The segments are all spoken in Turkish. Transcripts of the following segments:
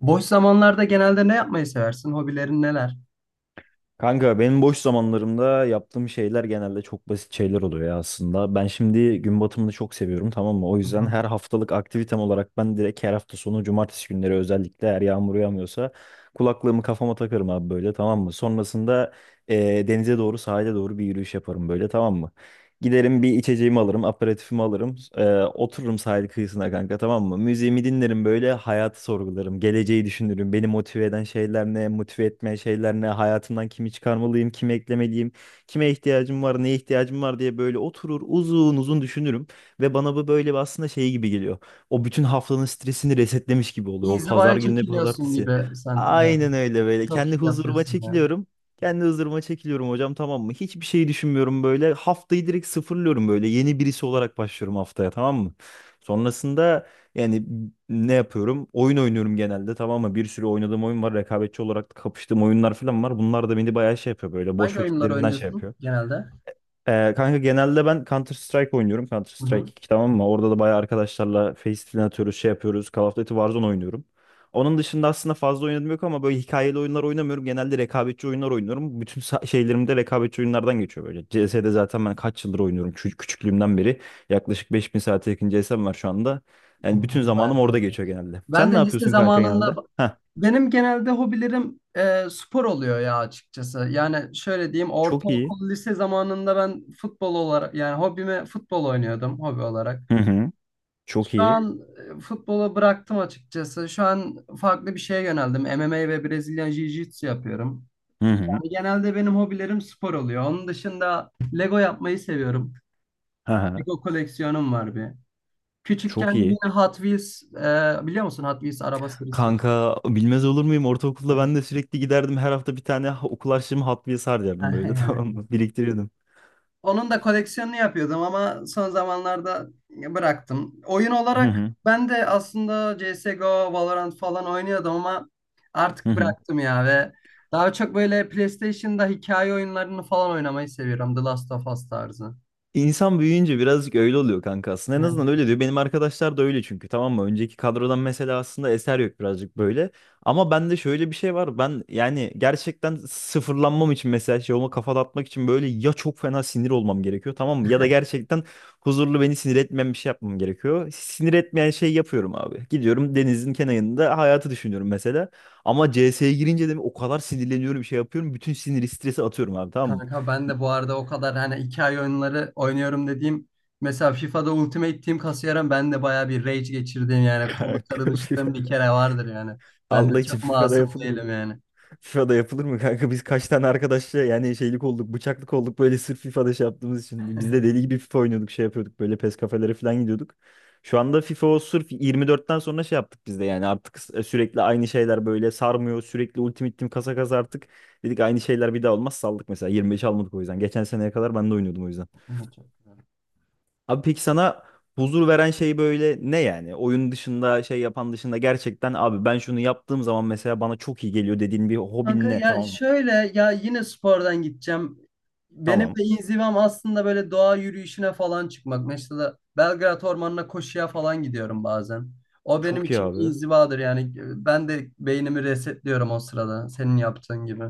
Boş zamanlarda genelde ne yapmayı seversin? Hobilerin neler? Kanka benim boş zamanlarımda yaptığım şeyler genelde çok basit şeyler oluyor ya aslında. Ben şimdi gün batımını çok seviyorum tamam mı? O Hı yüzden hı. her haftalık aktivitem olarak ben direkt her hafta sonu cumartesi günleri özellikle eğer yağmur yağmıyorsa kulaklığımı kafama takarım abi böyle tamam mı? Sonrasında denize doğru sahile doğru bir yürüyüş yaparım böyle tamam mı? Giderim bir içeceğimi alırım, aperatifimi alırım. Otururum sahil kıyısına kanka tamam mı? Müziğimi dinlerim böyle hayatı sorgularım. Geleceği düşünürüm. Beni motive eden şeyler ne? Motive etmeyen şeyler ne? Hayatımdan kimi çıkarmalıyım? Kimi eklemeliyim? Kime ihtiyacım var? Neye ihtiyacım var diye böyle oturur uzun uzun düşünürüm. Ve bana bu böyle bir aslında şey gibi geliyor. O bütün haftanın stresini resetlemiş gibi oluyor. O pazar İnzivaya gününe çekiliyorsun pazartesi. gibi sen biraz. Aynen öyle böyle. Çok Kendi iyi huzuruma yapıyorsun ya. çekiliyorum. Kendi hızırıma çekiliyorum hocam tamam mı? Hiçbir şey düşünmüyorum böyle. Haftayı direkt sıfırlıyorum böyle. Yeni birisi olarak başlıyorum haftaya tamam mı? Sonrasında yani ne yapıyorum? Oyun oynuyorum genelde tamam mı? Bir sürü oynadığım oyun var. Rekabetçi olarak kapıştığım oyunlar falan var. Bunlar da beni bayağı şey yapıyor böyle. Boş Hangi oyunları vakitlerimden şey oynuyorsun yapıyor. genelde? Kanka genelde ben Counter Strike oynuyorum. Counter Hı hı. Strike iki tamam mı? Orada da bayağı arkadaşlarla face filan atıyoruz, şey yapıyoruz. Call of Duty Warzone oynuyorum. Onun dışında aslında fazla oynadım yok ama böyle hikayeli oyunlar oynamıyorum. Genelde rekabetçi oyunlar oynuyorum. Bütün şeylerim de rekabetçi oyunlardan geçiyor böyle. CS'de zaten ben kaç yıldır oynuyorum küçüklüğümden beri. Yaklaşık 5000 saate yakın CS'm var şu anda. Yani bütün zamanım Bayağı orada doğru. geçiyor genelde. Ben Sen ne de lise yapıyorsun kanka zamanında genelde? Heh, benim genelde hobilerim spor oluyor ya açıkçası. Yani şöyle diyeyim, çok iyi. ortaokul lise zamanında ben futbol olarak, yani hobime futbol oynuyordum hobi olarak. Hı hı. Şu Çok iyi. an futbolu bıraktım açıkçası. Şu an farklı bir şeye yöneldim. MMA ve Brezilya Jiu-Jitsu yapıyorum. Hı hı. Yani genelde benim hobilerim spor oluyor. Onun dışında Lego yapmayı seviyorum. Hı hı. Lego koleksiyonum var bir. Çok Küçükken iyi. yine Hot Wheels, biliyor musun Hot Wheels araba serisi? Kanka bilmez olur muyum? Ortaokulda ben de sürekli giderdim. Her hafta bir tane okul harçlığımı Hot Wheels harcardım böyle tamam Yani, mı? Biriktiriyordum. onun da koleksiyonunu yapıyordum ama son zamanlarda bıraktım. Oyun Hı olarak hı. ben de aslında CSGO, Valorant falan oynuyordum ama artık Hı hı. bıraktım ya, ve daha çok böyle PlayStation'da hikaye oyunlarını falan oynamayı seviyorum. The Last of Us tarzı. İnsan büyüyünce birazcık öyle oluyor kanka aslında. En Evet. azından öyle diyor. Benim arkadaşlar da öyle çünkü tamam mı? Önceki kadrodan mesela aslında eser yok birazcık böyle. Ama bende şöyle bir şey var. Ben yani gerçekten sıfırlanmam için mesela şey olma kafa dağıtmak için böyle ya çok fena sinir olmam gerekiyor tamam mı? Ya da gerçekten huzurlu beni sinir etmeyen bir şey yapmam gerekiyor. Sinir etmeyen şey yapıyorum abi. Gidiyorum denizin kenarında hayatı düşünüyorum mesela. Ama CS'ye girince de o kadar sinirleniyorum şey yapıyorum. Bütün sinir stresi atıyorum abi tamam mı? Kanka ben de bu arada, o kadar hani hikaye oyunları oynuyorum dediğim, mesela FIFA'da Ultimate Team kasıyorum, ben de bayağı bir rage geçirdiğim, yani kola Kanka. karınıştığım bir kere vardır yani. Ben Allah de için çok FIFA'da masum yapılır değilim mı? yani. FIFA'da yapılır mı kanka? Biz kaç tane arkadaşla yani şeylik olduk, bıçaklık olduk böyle sırf FIFA'da şey yaptığımız için. Biz de deli gibi FIFA oynuyorduk, şey yapıyorduk böyle PES kafelere falan gidiyorduk. Şu anda FIFA o sırf 24'ten sonra şey yaptık biz de yani artık sürekli aynı şeyler böyle sarmıyor. Sürekli Ultimate Team kasa kasa artık dedik aynı şeyler bir daha olmaz saldık mesela 25 almadık o yüzden. Geçen seneye kadar ben de oynuyordum o yüzden. Evet, çok. Abi peki sana huzur veren şey böyle ne yani? Oyun dışında şey yapan dışında gerçekten abi ben şunu yaptığım zaman mesela bana çok iyi geliyor dediğin bir hobin Kanka ne? ya, Tamam. şöyle ya, yine spordan gideceğim. Benim Tamam. de inzivam aslında böyle doğa yürüyüşüne falan çıkmak. Mesela Belgrad Ormanı'na koşuya falan gidiyorum bazen. O benim Çok iyi için bir abi. inzivadır yani. Ben de beynimi resetliyorum o sırada, senin yaptığın gibi.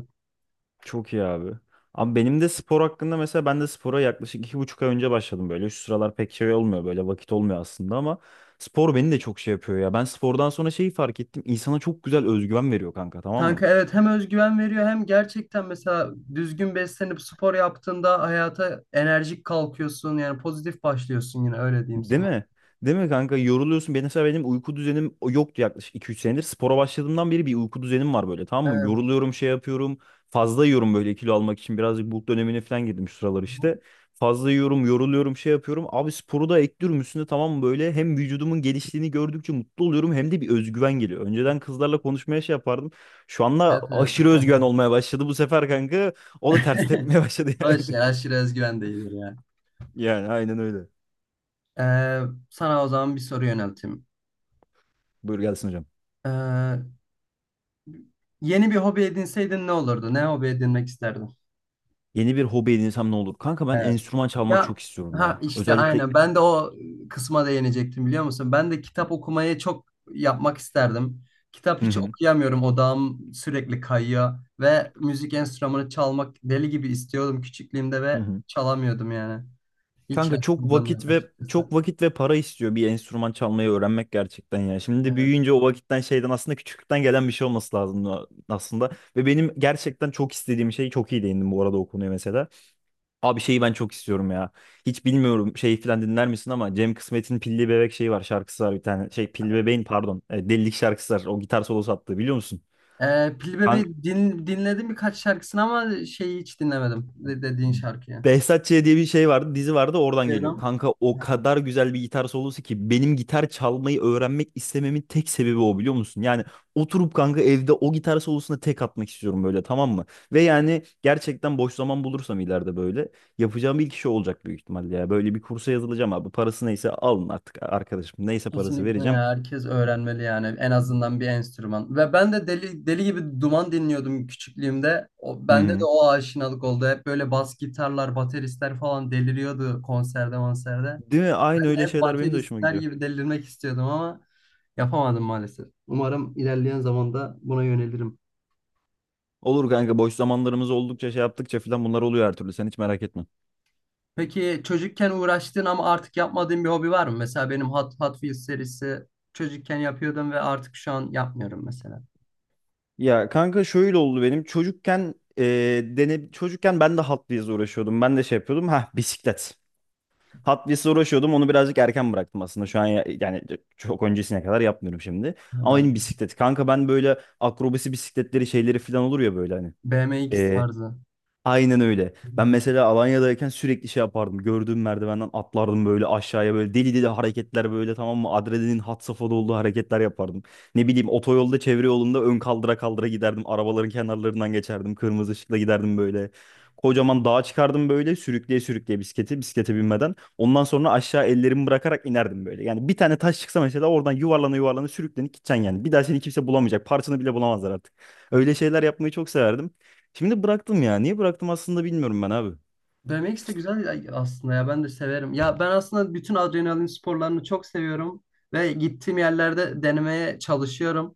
Çok iyi abi. Abi benim de spor hakkında mesela ben de spora yaklaşık iki buçuk ay önce başladım böyle. Şu sıralar pek şey olmuyor böyle vakit olmuyor aslında ama spor beni de çok şey yapıyor ya. Ben spordan sonra şeyi fark ettim. İnsana çok güzel özgüven veriyor kanka tamam mı? Kanka evet, hem özgüven veriyor, hem gerçekten mesela düzgün beslenip spor yaptığında hayata enerjik kalkıyorsun. Yani pozitif başlıyorsun, yine öyle diyeyim Değil sana. mi? Değil mi kanka? Yoruluyorsun. Benim mesela benim uyku düzenim yoktu yaklaşık 2-3 senedir. Spora başladığımdan beri bir uyku düzenim var böyle tamam mı? Evet. Yoruluyorum şey yapıyorum. Fazla yiyorum böyle kilo almak için. Birazcık bulk dönemine falan girdim şu sıralar işte. Fazla yiyorum, yoruluyorum, şey yapıyorum. Abi sporu da ekliyorum üstüne tamam mı? Böyle hem vücudumun geliştiğini gördükçe mutlu oluyorum hem de bir özgüven geliyor. Önceden kızlarla konuşmaya şey yapardım. Şu anda Evet, evet. aşırı özgüven olmaya başladı bu sefer kanka. O da ters tepmeye başladı O yani. işte aşırı özgüven değildir yani. Yani aynen öyle. Ee, sana o zaman bir soru yönelteyim. Buyur gelsin hocam. Ee, yeni bir hobi edinseydin ne olurdu? Ne hobi edinmek isterdin? Yeni bir hobi edinsem ne olur? Kanka ben Evet. enstrüman çalmak Ya, çok istiyorum ha ya. işte Özellikle aynen. Ben de o kısma değinecektim, biliyor musun? Ben de kitap okumayı çok yapmak isterdim. Kitap hı hiç hı. okuyamıyorum. Odağım sürekli kayıyor, ve müzik enstrümanı çalmak deli gibi istiyordum küçüklüğümde Hı ve hı. çalamıyordum yani. Hiç Kanka çok yatkınlığım vakit yok ve çok açıkçası. vakit ve para istiyor bir enstrüman çalmayı öğrenmek gerçekten ya. Şimdi büyüyünce o vakitten şeyden aslında küçüklükten gelen bir şey olması lazım aslında. Ve benim gerçekten çok istediğim şey çok iyi değindim bu arada o konuya mesela. Abi şeyi ben çok istiyorum ya. Hiç bilmiyorum şey falan dinler misin ama Cem Kısmet'in Pilli Bebek şeyi var şarkısı var bir tane. Şey Pilli Bebeğin pardon Delilik şarkısı var. O gitar solosu attığı biliyor musun? Pilli Kan- Bebek'i dinledim birkaç şarkısını, ama şeyi hiç dinlemedim dediğin şarkıyı. Behzat Ç. diye bir şey vardı, dizi vardı oradan geliyor. Diyorum. Kanka o Ha. kadar güzel bir gitar solosu ki benim gitar çalmayı öğrenmek istememin tek sebebi o biliyor musun? Yani oturup kanka evde o gitar solosuna tek atmak istiyorum böyle tamam mı? Ve yani gerçekten boş zaman bulursam ileride böyle yapacağım ilk şey olacak büyük ihtimalle ya. Böyle bir kursa yazılacağım abi. Parası neyse alın artık arkadaşım. Neyse parası Kesinlikle vereceğim. ya, herkes öğrenmeli yani, en azından bir enstrüman. Ve ben de deli deli gibi duman dinliyordum küçüklüğümde. O, Hı bende de hı. o aşinalık oldu. Hep böyle bas gitarlar, bateristler falan deliriyordu konserde, konserde. Değil mi? Aynı öyle Hep şeyler benim de hoşuma bateristler gidiyor. gibi delirmek istiyordum ama yapamadım maalesef. Umarım ilerleyen zamanda buna yönelirim. Olur kanka boş zamanlarımız oldukça şey yaptıkça filan bunlar oluyor her türlü. Sen hiç merak etme. Peki çocukken uğraştığın ama artık yapmadığın bir hobi var mı? Mesela benim Hot Wheels serisi çocukken yapıyordum ve artık şu an yapmıyorum mesela. Ya kanka şöyle oldu benim çocukken çocukken ben de Hot Wheels'le uğraşıyordum. Ben de şey yapıyordum. Ha bisiklet. Hot Wheels'le uğraşıyordum. Onu birazcık erken bıraktım aslında. Şu an yani çok öncesine kadar yapmıyorum şimdi. Ha, Ama ben benim bisiklet. Kanka ben böyle akrobasi bisikletleri şeyleri falan olur ya böyle hani. BMX tarzı. Aynen öyle. Ben mesela Alanya'dayken sürekli şey yapardım. Gördüğüm merdivenden atlardım böyle aşağıya böyle deli deli hareketler böyle tamam mı? Adrenalin had safhada olduğu hareketler yapardım. Ne bileyim otoyolda çevre yolunda ön kaldıra kaldıra giderdim. Arabaların kenarlarından geçerdim. Kırmızı ışıkla giderdim böyle. Kocaman dağa çıkardım böyle sürükleye sürükleye bisikleti bisiklete binmeden. Ondan sonra aşağı ellerimi bırakarak inerdim böyle. Yani bir tane taş çıksa mesela oradan yuvarlana yuvarlana sürüklenip gideceksin yani. Bir daha seni kimse bulamayacak. Parçanı bile bulamazlar artık. Öyle şeyler yapmayı çok severdim. Şimdi bıraktım ya. Niye bıraktım aslında bilmiyorum ben abi. BMX de güzel aslında ya, ben de severim. Ya ben aslında bütün adrenalin sporlarını çok seviyorum ve gittiğim yerlerde denemeye çalışıyorum,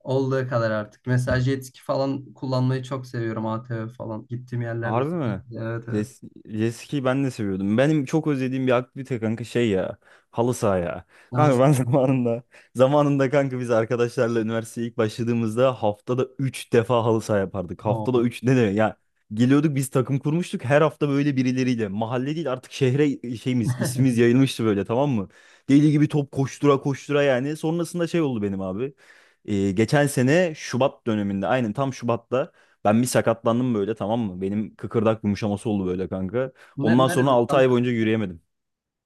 olduğu kadar artık. Mesela jet ski falan kullanmayı çok seviyorum, ATV falan. Gittiğim yerlerde Harbi mi? sürekli, evet evet. Jes jet ski'yi ben de seviyordum. Benim çok özlediğim bir aktivite kanka şey ya. Halı saha ya. Kanka Yalnız ben zamanında kanka biz arkadaşlarla üniversiteye ilk başladığımızda haftada 3 defa halı saha yapardık. Haftada o. 3 ne demek ya? Geliyorduk biz takım kurmuştuk her hafta böyle birileriyle. Mahalle değil artık şehre şeyimiz ismimiz yayılmıştı böyle tamam mı? Deli gibi top koştura koştura yani. Sonrasında şey oldu benim abi. Geçen sene Şubat döneminde aynen tam Şubat'ta ben bir sakatlandım böyle tamam mı? Benim kıkırdak yumuşaması oldu böyle kanka. Ne, Ondan sonra nerede 6 tam? ay boyunca yürüyemedim.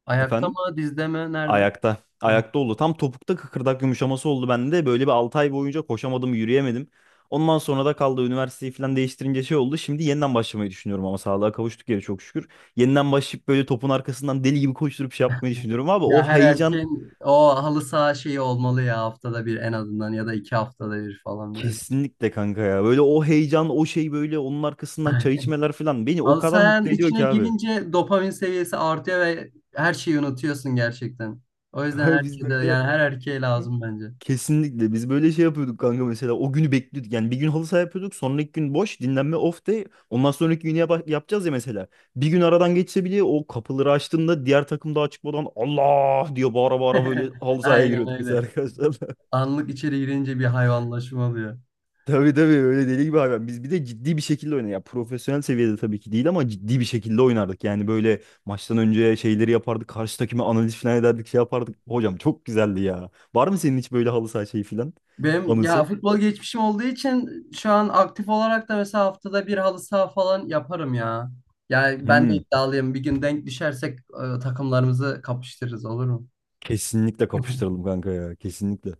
Ayakta Efendim? mı, dizde mi, nerede? Ayakta. Ha. Ayakta oldu. Tam topukta kıkırdak yumuşaması oldu bende. Böyle bir 6 ay boyunca koşamadım, yürüyemedim. Ondan sonra da kaldı üniversiteyi falan değiştirince şey oldu. Şimdi yeniden başlamayı düşünüyorum ama sağlığa kavuştuk ya çok şükür. Yeniden başlayıp böyle topun arkasından deli gibi koşturup şey yapmayı düşünüyorum abi. O Ya her heyecan erkeğin o halı saha şeyi olmalı ya, haftada bir en azından, ya da iki haftada bir falan böyle. kesinlikle kanka ya. Böyle o heyecan, o şey böyle onun arkasından çay içmeler falan beni o Halı kadar sahanın mutlu ediyor içine ki abi. girince dopamin seviyesi artıyor ve her şeyi unutuyorsun gerçekten. O yüzden Kanka biz herkese, böyle yani her erkeğe lazım bence. kesinlikle biz böyle şey yapıyorduk kanka mesela o günü bekliyorduk yani bir gün halı saha yapıyorduk sonraki gün boş dinlenme off day ondan sonraki günü yapacağız ya mesela bir gün aradan geçse bile o kapıları açtığında diğer takım daha çıkmadan Allah diye bağıra bağıra böyle halı sahaya Aynen giriyorduk biz öyle. arkadaşlarla. Anlık içeri girince bir hayvanlaşma oluyor. Tabii tabii öyle deli gibi hayvan biz bir de ciddi bir şekilde oynadık ya profesyonel seviyede tabii ki değil ama ciddi bir şekilde oynardık yani böyle maçtan önce şeyleri yapardık karşı takıma analiz falan ederdik şey yapardık hocam çok güzeldi ya var mı senin hiç böyle halı saha şeyi falan Benim ya anısı? futbol geçmişim olduğu için şu an aktif olarak da mesela haftada bir halı saha falan yaparım ya. Yani ben de Hmm. iddialıyım. Bir gün denk düşersek takımlarımızı kapıştırırız, olur mu? Kesinlikle kapıştıralım kanka ya. Kesinlikle.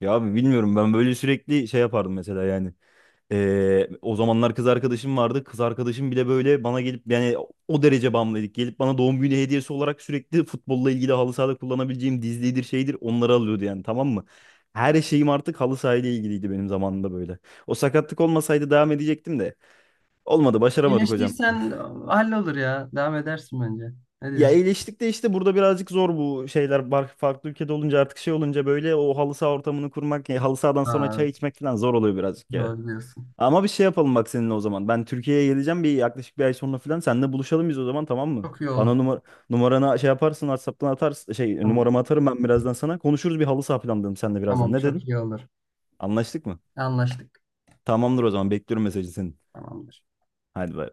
Ya abi bilmiyorum ben böyle sürekli şey yapardım mesela yani. O zamanlar kız arkadaşım vardı. Kız arkadaşım bile böyle bana gelip yani o derece bağımlıydık. Gelip bana doğum günü hediyesi olarak sürekli futbolla ilgili halı sahada kullanabileceğim dizlidir şeydir onları alıyordu yani tamam mı? Her şeyim artık halı sahayla ilgiliydi benim zamanımda böyle. O sakatlık olmasaydı devam edecektim de. Olmadı başaramadık hocam. İyileştiysen hallolur ya. Devam edersin bence. Ne Ya diyorsun? iyileştik de işte burada birazcık zor bu şeyler. Farklı ülkede olunca artık şey olunca böyle o halı saha ortamını kurmak, ya halı sahadan sonra Ha, çay evet. içmek falan zor oluyor birazcık ya. Doğru diyorsun. Ama bir şey yapalım bak seninle o zaman. Ben Türkiye'ye geleceğim bir yaklaşık bir ay sonra falan. Seninle buluşalım biz o zaman tamam mı? Çok iyi Bana olur. numara numaranı şey yaparsın WhatsApp'tan atarsın. Şey Tamam. numaramı atarım ben birazdan sana. Konuşuruz bir halı saha planlayalım seninle birazdan. Tamam, Ne dedin? çok iyi olur. Anlaştık mı? Anlaştık. Tamamdır o zaman bekliyorum mesajı senin. Tamamdır. Hadi bay.